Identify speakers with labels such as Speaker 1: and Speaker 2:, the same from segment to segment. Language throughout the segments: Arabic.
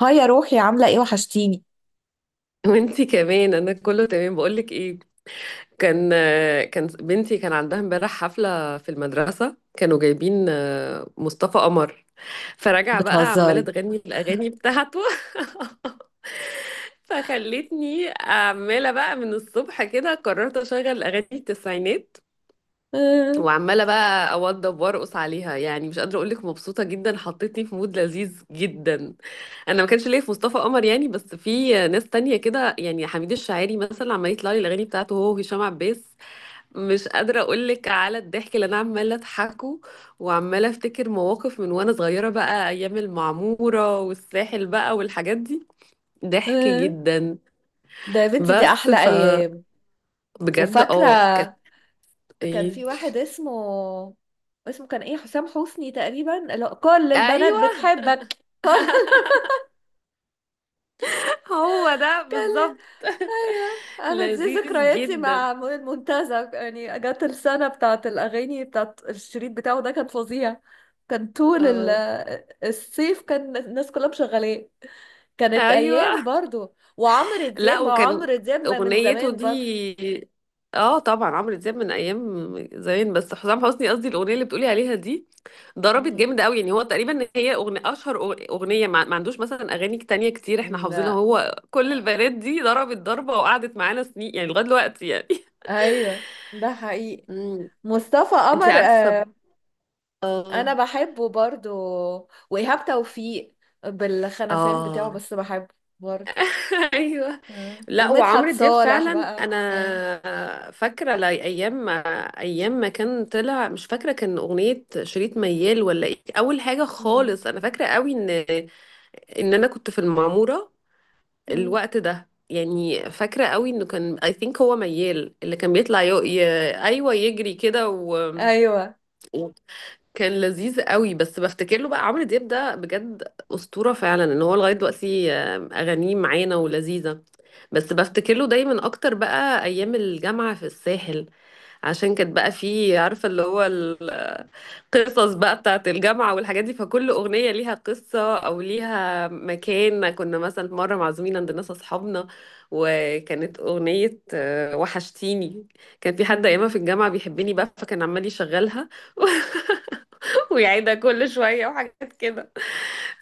Speaker 1: هاي يا روحي، عاملة ايه؟ وحشتيني.
Speaker 2: وانتي كمان، انا كله تمام. بقولك ايه، كان كان بنتي كان عندها امبارح حفلة في المدرسة. كانوا جايبين مصطفى قمر، فرجع بقى عمالة
Speaker 1: بتهزري؟
Speaker 2: تغني الأغاني بتاعته. فخلتني عمالة بقى من الصبح كده. قررت أشغل أغاني التسعينات،
Speaker 1: آه،
Speaker 2: وعمالة بقى أوضب وأرقص عليها، يعني مش قادرة أقولك مبسوطة جدا، حطيتني في مود لذيذ جدا. انا ما كانش ليا في مصطفى قمر يعني، بس في ناس تانية كده، يعني حميد الشاعري مثلا عمال يطلع لي الاغاني بتاعته، هو وهشام عباس. مش قادره اقول لك على الضحك اللي انا عماله اضحكه، وعماله افتكر مواقف من وانا صغيره بقى، ايام المعموره والساحل بقى والحاجات دي. ضحك
Speaker 1: آه.
Speaker 2: جدا.
Speaker 1: ده يا بنتي، دي
Speaker 2: بس
Speaker 1: أحلى أيام.
Speaker 2: بجد
Speaker 1: وفاكرة،
Speaker 2: كانت.
Speaker 1: كان
Speaker 2: ايه؟
Speaker 1: في واحد اسمه كان ايه، حسام حسني تقريبا. لا، كل البنات
Speaker 2: ايوه،
Speaker 1: بتحبك، كل
Speaker 2: هو ده
Speaker 1: كل
Speaker 2: بالظبط.
Speaker 1: ايوه، انا دي
Speaker 2: لذيذ
Speaker 1: ذكرياتي
Speaker 2: جدا.
Speaker 1: مع المنتزه. يعني جت السنه بتاعت الاغاني، بتاعت الشريط بتاعه ده، كان فظيع. كان طول
Speaker 2: اه.
Speaker 1: الصيف كان الناس كلها مشغلاه. كانت ايام
Speaker 2: ايوه.
Speaker 1: برضو، وعمرو
Speaker 2: لا،
Speaker 1: دياب، ما هو
Speaker 2: وكان
Speaker 1: عمرو دياب ما من
Speaker 2: اغنيته
Speaker 1: زمان برضو.
Speaker 2: دي، اه طبعا عمرو دياب من ايام زمان، بس حسام حسني قصدي، الاغنيه اللي بتقولي عليها دي ضربت
Speaker 1: مم.
Speaker 2: جامد قوي. يعني هو تقريبا، هي اغنيه، اشهر اغنيه، ما عندوش مثلا اغاني تانية كتير احنا حافظينها.
Speaker 1: لا.
Speaker 2: هو كل البنات دي ضربت ضربه، وقعدت معانا سنين، يعني لغايه دلوقتي يعني.
Speaker 1: ايوه. ده حقيقي.
Speaker 2: امم
Speaker 1: مصطفى
Speaker 2: انت
Speaker 1: قمر،
Speaker 2: عارفه.
Speaker 1: آه. انا
Speaker 2: اه.
Speaker 1: بحبه برضو، وايهاب توفيق بالخنفان بتاعه،
Speaker 2: اه.
Speaker 1: بس بحبه برضو.
Speaker 2: ايوه.
Speaker 1: آه.
Speaker 2: لا،
Speaker 1: ومدحت
Speaker 2: وعمرو دياب
Speaker 1: صالح
Speaker 2: فعلا
Speaker 1: بقى، آه.
Speaker 2: انا فاكره، ايام ما، ايام ما كان طلع، مش فاكره كان اغنيه شريط ميال ولا ايه اول حاجه
Speaker 1: مم.
Speaker 2: خالص. انا فاكره قوي ان انا كنت في المعموره
Speaker 1: مم.
Speaker 2: الوقت ده يعني. فاكره قوي انه كان اي ثينك هو ميال اللي كان بيطلع ايوه يجري كده
Speaker 1: ايوه.
Speaker 2: كان لذيذ قوي. بس بفتكر له بقى، عمرو دياب ده بجد أسطورة فعلا، ان هو لغاية دلوقتي اغانيه معانا ولذيذة. بس بفتكر له دايما اكتر بقى ايام الجامعة في الساحل، عشان كانت بقى فيه، عارفة اللي هو القصص بقى بتاعت الجامعة والحاجات دي. فكل اغنية ليها قصة او ليها مكان. كنا مثلا مرة معزومين عند ناس اصحابنا، وكانت اغنية وحشتيني، كان في حد ايامها
Speaker 1: مم.
Speaker 2: في الجامعة بيحبني بقى، فكان عمال يشغلها ويعيدها كل شوية وحاجات كده.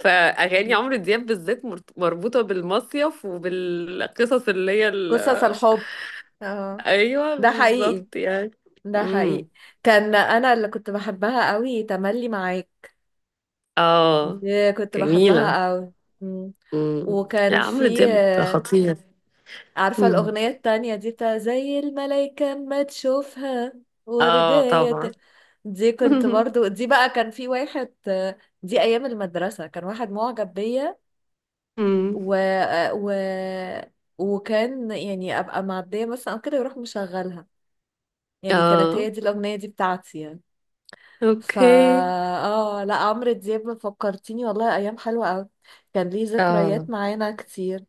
Speaker 2: فأغاني عمرو دياب بالذات مربوطة بالمصيف وبالقصص، اللي هي
Speaker 1: قصص الحب. اه.
Speaker 2: أيوة
Speaker 1: ده حقيقي.
Speaker 2: بالظبط يعني.
Speaker 1: ده حقيقي.
Speaker 2: امم.
Speaker 1: كان انا اللي كنت بحبها قوي، تملي معاك،
Speaker 2: اه.
Speaker 1: دي كنت
Speaker 2: جميلة.
Speaker 1: بحبها قوي. مم.
Speaker 2: امم. لا،
Speaker 1: وكان
Speaker 2: عمرو
Speaker 1: في
Speaker 2: دياب
Speaker 1: آه،
Speaker 2: خطير.
Speaker 1: عارفة
Speaker 2: امم.
Speaker 1: الأغنية التانية دي، بتاع زي الملايكة ما تشوفها
Speaker 2: اه
Speaker 1: وردية
Speaker 2: طبعا.
Speaker 1: دي كنت برضو، دي بقى كان في واحد، دي أيام المدرسة كان واحد معجب بيا،
Speaker 2: امم.
Speaker 1: و... آه، و... وكان يعني أبقى معدية مثلا أو كده يروح مشغلها. يعني كانت هي
Speaker 2: اه
Speaker 1: دي الأغنية دي بتاعتي يعني. فا
Speaker 2: اوكي.
Speaker 1: اه لا، عمرو دياب فكرتيني والله، ايام حلوه قوي. كان ليه ذكريات
Speaker 2: اه.
Speaker 1: معانا كتير.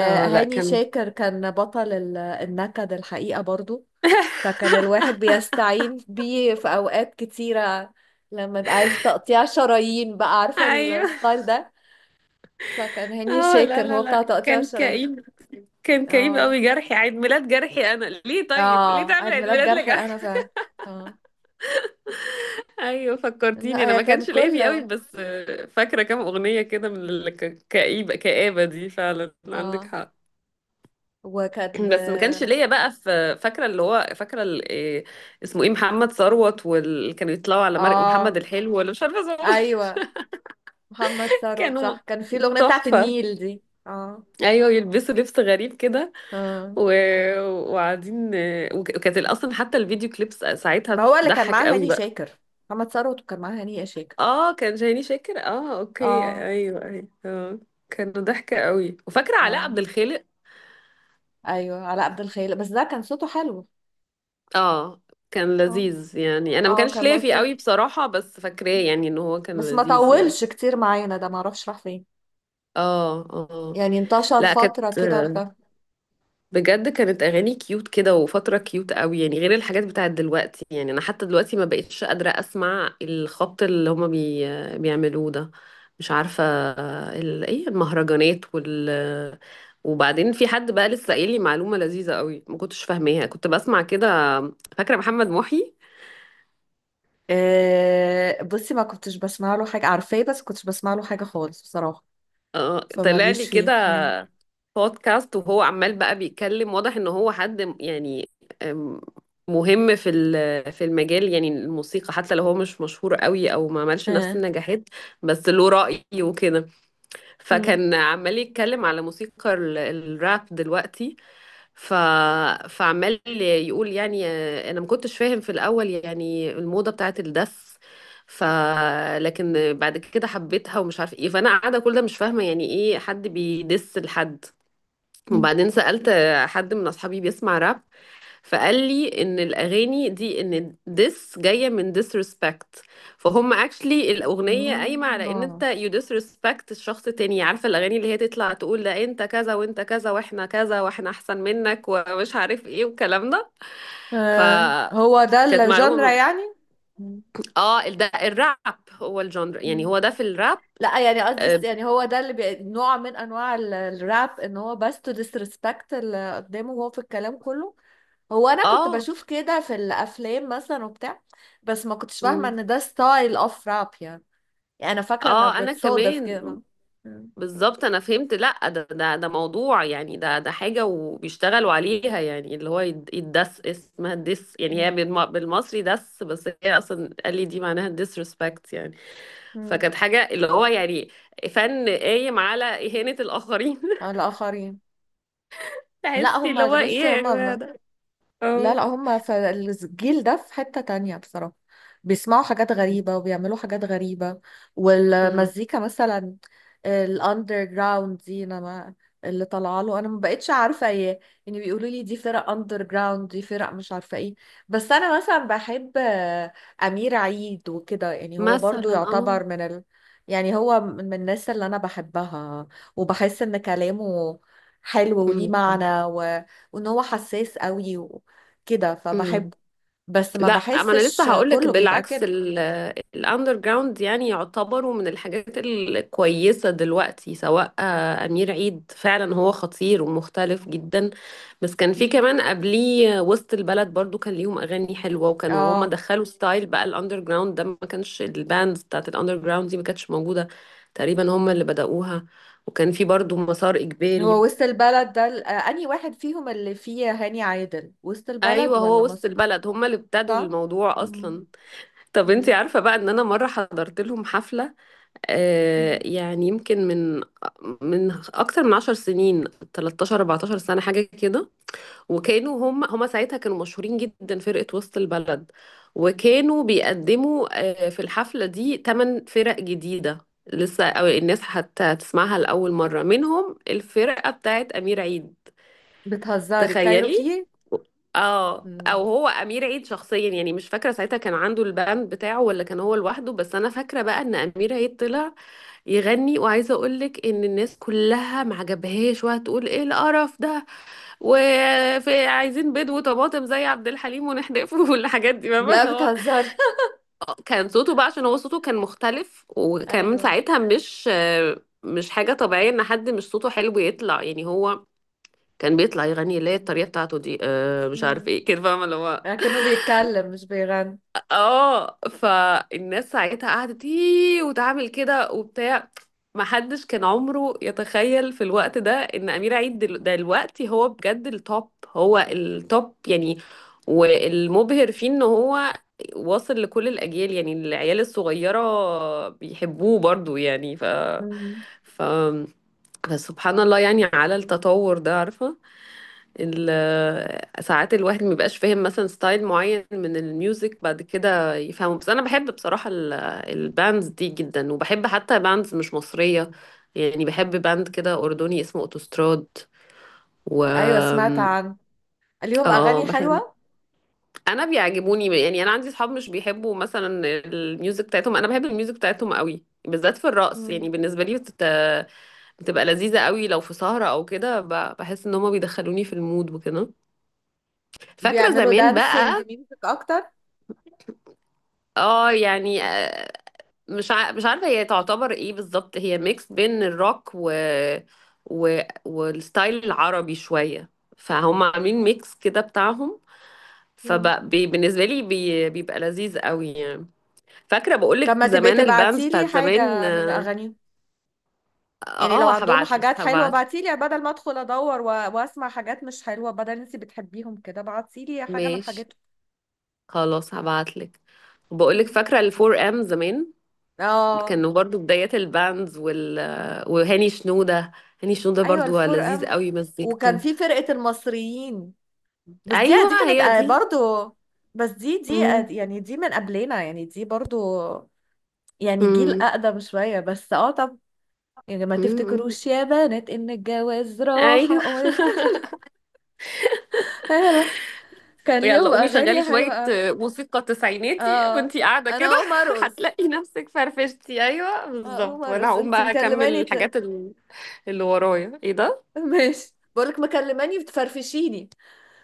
Speaker 2: اه لا كان.
Speaker 1: شاكر كان بطل النكد، الحقيقه، برضو. فكان الواحد بيستعين بيه في اوقات كتيره، لما يبقى عايز تقطيع شرايين بقى، عارفه
Speaker 2: ايوه.
Speaker 1: الستايل ده. فكان هاني
Speaker 2: اه، لا
Speaker 1: شاكر
Speaker 2: لا
Speaker 1: هو بتاع
Speaker 2: لا،
Speaker 1: تقطيع
Speaker 2: كان
Speaker 1: الشرايين.
Speaker 2: كئيب. كان كئيب
Speaker 1: اه.
Speaker 2: قوي. جرحي، عيد ميلاد جرحي، انا ليه؟ طيب ليه
Speaker 1: اه،
Speaker 2: تعمل
Speaker 1: عيد
Speaker 2: عيد
Speaker 1: ميلاد
Speaker 2: ميلاد
Speaker 1: جرحي،
Speaker 2: لجرحي؟
Speaker 1: انا اه.
Speaker 2: ايوه فكرتيني.
Speaker 1: لا
Speaker 2: انا
Speaker 1: هي
Speaker 2: ما
Speaker 1: كان
Speaker 2: كانش ليا فيه قوي
Speaker 1: كله
Speaker 2: بس فاكره كام اغنيه كده من الكئيبه. كآبه دي فعلا، عندك
Speaker 1: اه.
Speaker 2: حق.
Speaker 1: وكان
Speaker 2: بس ما كانش ليا بقى في، فاكره اللي هو فاكره إيه اسمه، ايه، محمد ثروت، واللي كانوا يطلعوا على مرق، محمد
Speaker 1: اه.
Speaker 2: الحلو ولا مش عارفه اسمه.
Speaker 1: ايوه، محمد ثروت
Speaker 2: كانوا
Speaker 1: صح، كان في الاغنيه بتاعت
Speaker 2: تحفه.
Speaker 1: النيل دي، اه.
Speaker 2: ايوه، يلبسوا لبس غريب كده
Speaker 1: اه،
Speaker 2: و... وقاعدين وكانت اصلا حتى الفيديو كليبس ساعتها
Speaker 1: ما هو اللي كان
Speaker 2: بتضحك
Speaker 1: معاه
Speaker 2: قوي
Speaker 1: هاني
Speaker 2: بقى.
Speaker 1: شاكر. محمد ثروت وكان معاه هاني شاكر.
Speaker 2: اه كان شهيني شاكر. اه اوكي،
Speaker 1: اه.
Speaker 2: ايوه ايوه اه. كانوا ضحكة قوي. وفاكرة علاء
Speaker 1: اه
Speaker 2: عبد الخالق.
Speaker 1: ايوه، علاء عبد الخيل، بس ده كان صوته حلو.
Speaker 2: اه، كان
Speaker 1: اه.
Speaker 2: لذيذ يعني. انا ما
Speaker 1: اه
Speaker 2: كانش
Speaker 1: كان
Speaker 2: ليا فيه
Speaker 1: لطيف،
Speaker 2: قوي بصراحة، بس فاكراه يعني ان هو كان
Speaker 1: بس ما
Speaker 2: لذيذ يعني.
Speaker 1: طولش كتير معانا، ده ما اعرفش راح فين.
Speaker 2: اه. اه. آه.
Speaker 1: يعني انتشر
Speaker 2: لا، كانت،
Speaker 1: فتره كده واختفى.
Speaker 2: بجد كانت اغاني كيوت كده، وفتره كيوت قوي يعني، غير الحاجات بتاعت دلوقتي يعني. انا حتى دلوقتي ما بقتش قادره اسمع الخبط اللي هما بيعملوه ده. مش عارفه، ايه المهرجانات وبعدين في حد بقى لسه قايل لي معلومه لذيذه قوي ما كنتش فاهماها، كنت بسمع كده. فاكره محمد محي،
Speaker 1: آه بصي، ما كنتش بسمع له حاجه، عارفاه، بس كنتش بسمع له حاجه خالص بصراحه.
Speaker 2: اه طلع لي
Speaker 1: فماليش فيه
Speaker 2: كده
Speaker 1: مم.
Speaker 2: بودكاست، وهو عمال بقى بيتكلم، واضح ان هو حد يعني، أم، مهم في في المجال يعني، الموسيقى، حتى لو هو مش مشهور قوي او ما عملش نفس
Speaker 1: اه.
Speaker 2: النجاحات، بس له رأي وكده.
Speaker 1: مم.
Speaker 2: فكان عمال يتكلم على موسيقى الراب دلوقتي. ف فعمال يقول يعني، انا ما كنتش فاهم في الاول يعني الموضة بتاعت الدس. ف لكن بعد كده حبيتها ومش عارف ايه. فانا قاعده كل ده مش فاهمه يعني ايه حد بيدس لحد. وبعدين سألت حد من أصحابي بيسمع راب، فقال لي إن الأغاني دي إن ديس، جاية من disrespect. فهم actually الأغنية
Speaker 1: مم.
Speaker 2: قايمة على إن أنت
Speaker 1: آه.
Speaker 2: you disrespect الشخص التاني. عارفة الأغاني اللي هي تطلع تقول لا أنت كذا وأنت كذا وإحنا كذا وإحنا أحسن منك، ومش عارف إيه والكلام ده. ف
Speaker 1: آه. هو ده
Speaker 2: كانت
Speaker 1: الجانرا
Speaker 2: معلومة.
Speaker 1: يعني. مم.
Speaker 2: اه، ده الراب. هو الجانر يعني،
Speaker 1: مم.
Speaker 2: هو ده في الراب.
Speaker 1: لا يعني قصدي
Speaker 2: اه.
Speaker 1: يعني هو ده اللي نوع من انواع الراب، ان هو بس تو disrespect اللي قدامه، وهو في الكلام كله. هو انا كنت
Speaker 2: آه.
Speaker 1: بشوف كده في الافلام مثلا وبتاع. بس ما كنتش فاهمه
Speaker 2: مم.
Speaker 1: ان ده ستايل اوف راب يعني. يعني انا فاكره انها
Speaker 2: اه انا
Speaker 1: بتصادف
Speaker 2: كمان
Speaker 1: كده. مم.
Speaker 2: بالظبط. انا فهمت لا، ده موضوع يعني، ده حاجه وبيشتغلوا عليها. يعني اللي هو يدس، اسمها دس، يعني هي
Speaker 1: مم.
Speaker 2: بالمصري دس، بس هي اصلا قال لي دي معناها disrespect يعني.
Speaker 1: مم.
Speaker 2: فكانت حاجه اللي هو يعني فن قايم على اهانه الاخرين.
Speaker 1: على الاخرين. لا
Speaker 2: تحسي اللي هو
Speaker 1: هما،
Speaker 2: ايه
Speaker 1: بصي،
Speaker 2: يا جماعه ده.
Speaker 1: لا
Speaker 2: اه.
Speaker 1: لا، هم في الجيل ده في حتة تانية بصراحة. بيسمعوا حاجات غريبة وبيعملوا حاجات غريبة،
Speaker 2: أمم.
Speaker 1: والمزيكا مثلا، الاندر جراوند دي، انا ما اللي طالعه له انا ما بقتش عارفه ايه. يعني بيقولوا لي دي فرق اندر جراوند، دي فرق مش عارفه ايه. بس انا مثلا بحب امير عيد وكده، يعني هو برضو
Speaker 2: مثلا اه.
Speaker 1: يعتبر يعني هو من الناس اللي انا بحبها، وبحس ان كلامه حلو وليه
Speaker 2: أمم.
Speaker 1: معنى، وان هو حساس قوي كده، فبحبه.
Speaker 2: أمم.
Speaker 1: بس ما
Speaker 2: لا، ما انا لسه
Speaker 1: بحسش
Speaker 2: هقولك،
Speaker 1: كله بيبقى
Speaker 2: بالعكس
Speaker 1: كده.
Speaker 2: الاندر جراوند يعني يعتبروا من الحاجات الكويسه دلوقتي، سواء امير عيد فعلا هو خطير ومختلف جدا. بس كان في
Speaker 1: مم.
Speaker 2: كمان قبليه وسط البلد برضو، كان ليهم اغاني حلوه، وكانوا هما
Speaker 1: اه.
Speaker 2: دخلوا ستايل بقى الاندر جراوند ده، ما كانش الباندز بتاعت الاندر جراوند دي ما كانتش موجوده. تقريبا هما اللي بدأوها. وكان في برضو مسار اجباري.
Speaker 1: هو وسط البلد ده انهي واحد فيهم اللي فيه هاني عادل، وسط البلد
Speaker 2: ايوه،
Speaker 1: ولا
Speaker 2: هو وسط
Speaker 1: مصر؟
Speaker 2: البلد هما اللي ابتدوا
Speaker 1: صح.
Speaker 2: الموضوع
Speaker 1: مم.
Speaker 2: اصلا. طب انتي
Speaker 1: مم.
Speaker 2: عارفة بقى ان انا مرة حضرت لهم حفلة
Speaker 1: مم.
Speaker 2: يعني يمكن، من اكتر من 10 سنين، 13 14 سنة حاجة كده. وكانوا هم ساعتها كانوا مشهورين جدا، فرقة وسط البلد. وكانوا بيقدموا في الحفلة دي 8 فرق جديدة لسه، أو الناس حتى تسمعها لأول مرة، منهم الفرقة بتاعت أمير عيد.
Speaker 1: بتهزري؟
Speaker 2: تخيلي.
Speaker 1: كايروكي.
Speaker 2: اه. او
Speaker 1: مم.
Speaker 2: هو امير عيد شخصيا يعني، مش فاكره ساعتها كان عنده الباند بتاعه ولا كان هو لوحده. بس انا فاكره بقى ان امير عيد طلع يغني، وعايزه اقول لك ان الناس كلها ما عجبهاش، وهتقول ايه القرف ده. وفي عايزين بيض وطماطم زي عبد الحليم ونحدفه، والحاجات دي، فاهمه اللي
Speaker 1: لا
Speaker 2: هو
Speaker 1: بتهزري.
Speaker 2: كان صوته بقى، عشان هو صوته كان مختلف، وكان من
Speaker 1: ايوه.
Speaker 2: ساعتها، مش حاجه طبيعيه ان حد مش صوته حلو يطلع. يعني هو كان بيطلع يغني اللي هي الطريقه بتاعته دي، مش عارف
Speaker 1: مم.
Speaker 2: ايه كده، فاهمه اللي هو.
Speaker 1: لكنه بيتكلم مش بيغني.
Speaker 2: اه، فالناس ساعتها قعدت ايه وتعمل كده وبتاع. محدش كان عمره يتخيل في الوقت ده ان امير عيد دلوقتي هو بجد التوب، هو التوب يعني. والمبهر فيه ان هو واصل لكل الاجيال، يعني العيال الصغيره بيحبوه برضو يعني. ف
Speaker 1: مم.
Speaker 2: ف فسبحان الله يعني على التطور ده، عارفه. ساعات الواحد مبيبقاش فاهم مثلا ستايل معين من الميوزك بعد كده يفهمه. بس انا بحب بصراحة الباندز دي جدا، وبحب حتى باندز مش مصرية، يعني بحب باند كده أردني اسمه أوتوستراد و
Speaker 1: ايوه سمعت عنه، ليهم
Speaker 2: اه
Speaker 1: اغاني
Speaker 2: بحب.
Speaker 1: حلوه.
Speaker 2: انا بيعجبوني يعني. انا عندي اصحاب مش بيحبوا مثلا الميوزك بتاعتهم، انا بحب الميوزك بتاعتهم قوي، بالذات في الرقص يعني.
Speaker 1: مم.
Speaker 2: بالنسبة لي بتبقى لذيذة قوي لو في سهرة او كده. بحس ان هما بيدخلوني في المود وكده. فاكرة
Speaker 1: بيعملوا
Speaker 2: زمان
Speaker 1: دانسينج
Speaker 2: بقى،
Speaker 1: ميوزك اكتر.
Speaker 2: اه يعني، مش عارفه هي تعتبر ايه بالظبط. هي ميكس بين الروك و... والستايل العربي شويه، فهم عاملين ميكس كده بتاعهم.
Speaker 1: مم.
Speaker 2: فبالنسبه لي بيبقى لذيذ قوي يعني. فاكره بقولك
Speaker 1: طب ما تبقي
Speaker 2: زمان، الباندز
Speaker 1: تبعتيلي
Speaker 2: بتاعت زمان.
Speaker 1: حاجه من
Speaker 2: اه،
Speaker 1: اغانيهم، يعني لو عندهم
Speaker 2: هبعتلك
Speaker 1: حاجات حلوة
Speaker 2: هبعتلك.
Speaker 1: بعتيلي، بدل ما ادخل ادور واسمع حاجات مش حلوة، بدل انتي بتحبيهم كده بعتيلي حاجة من
Speaker 2: ماشي،
Speaker 1: حاجاتهم.
Speaker 2: خلاص هبعتلك. بقولك
Speaker 1: مم.
Speaker 2: فاكره الفور ام زمان،
Speaker 1: اه.
Speaker 2: كانوا برضو بدايات الباندز وهاني شنوده. هاني شنوده
Speaker 1: ايوه
Speaker 2: برضو
Speaker 1: الفور
Speaker 2: لذيذ
Speaker 1: ام،
Speaker 2: قوي
Speaker 1: وكان
Speaker 2: مزيكته.
Speaker 1: في فرقة المصريين، بس دي
Speaker 2: ايوه
Speaker 1: دي كانت
Speaker 2: هي
Speaker 1: آه،
Speaker 2: دي.
Speaker 1: برضو. بس دي
Speaker 2: مم.
Speaker 1: يعني دي من قبلنا، يعني دي برضو، يعني جيل
Speaker 2: مم.
Speaker 1: اقدم شوية. بس اه، طب يعني ما
Speaker 2: مم.
Speaker 1: تفتكروش يا بنات ان الجواز راحة.
Speaker 2: ايوه.
Speaker 1: هلا. كان
Speaker 2: يلا
Speaker 1: ليهم
Speaker 2: قومي شغلي
Speaker 1: اغاني حلوة
Speaker 2: شوية
Speaker 1: أوي.
Speaker 2: موسيقى تسعيناتي
Speaker 1: اه،
Speaker 2: وانتي قاعدة
Speaker 1: انا
Speaker 2: كده.
Speaker 1: هقوم ارقص.
Speaker 2: هتلاقي نفسك فرفشتي. ايوه
Speaker 1: اه
Speaker 2: بالظبط،
Speaker 1: عمر،
Speaker 2: وانا
Speaker 1: بس
Speaker 2: هقوم
Speaker 1: انت
Speaker 2: بقى اكمل
Speaker 1: مكلماني،
Speaker 2: الحاجات اللي ورايا ايه ده.
Speaker 1: ماشي، بقولك مكلماني بتفرفشيني.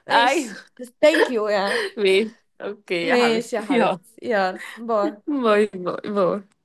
Speaker 1: ماشي.
Speaker 2: ايوه.
Speaker 1: ثانك يو يعني.
Speaker 2: ماشي. اوكي يا
Speaker 1: ماشي يا
Speaker 2: حبيبتي، يلا
Speaker 1: حبيبتي، يلا، باي.
Speaker 2: باي باي باي.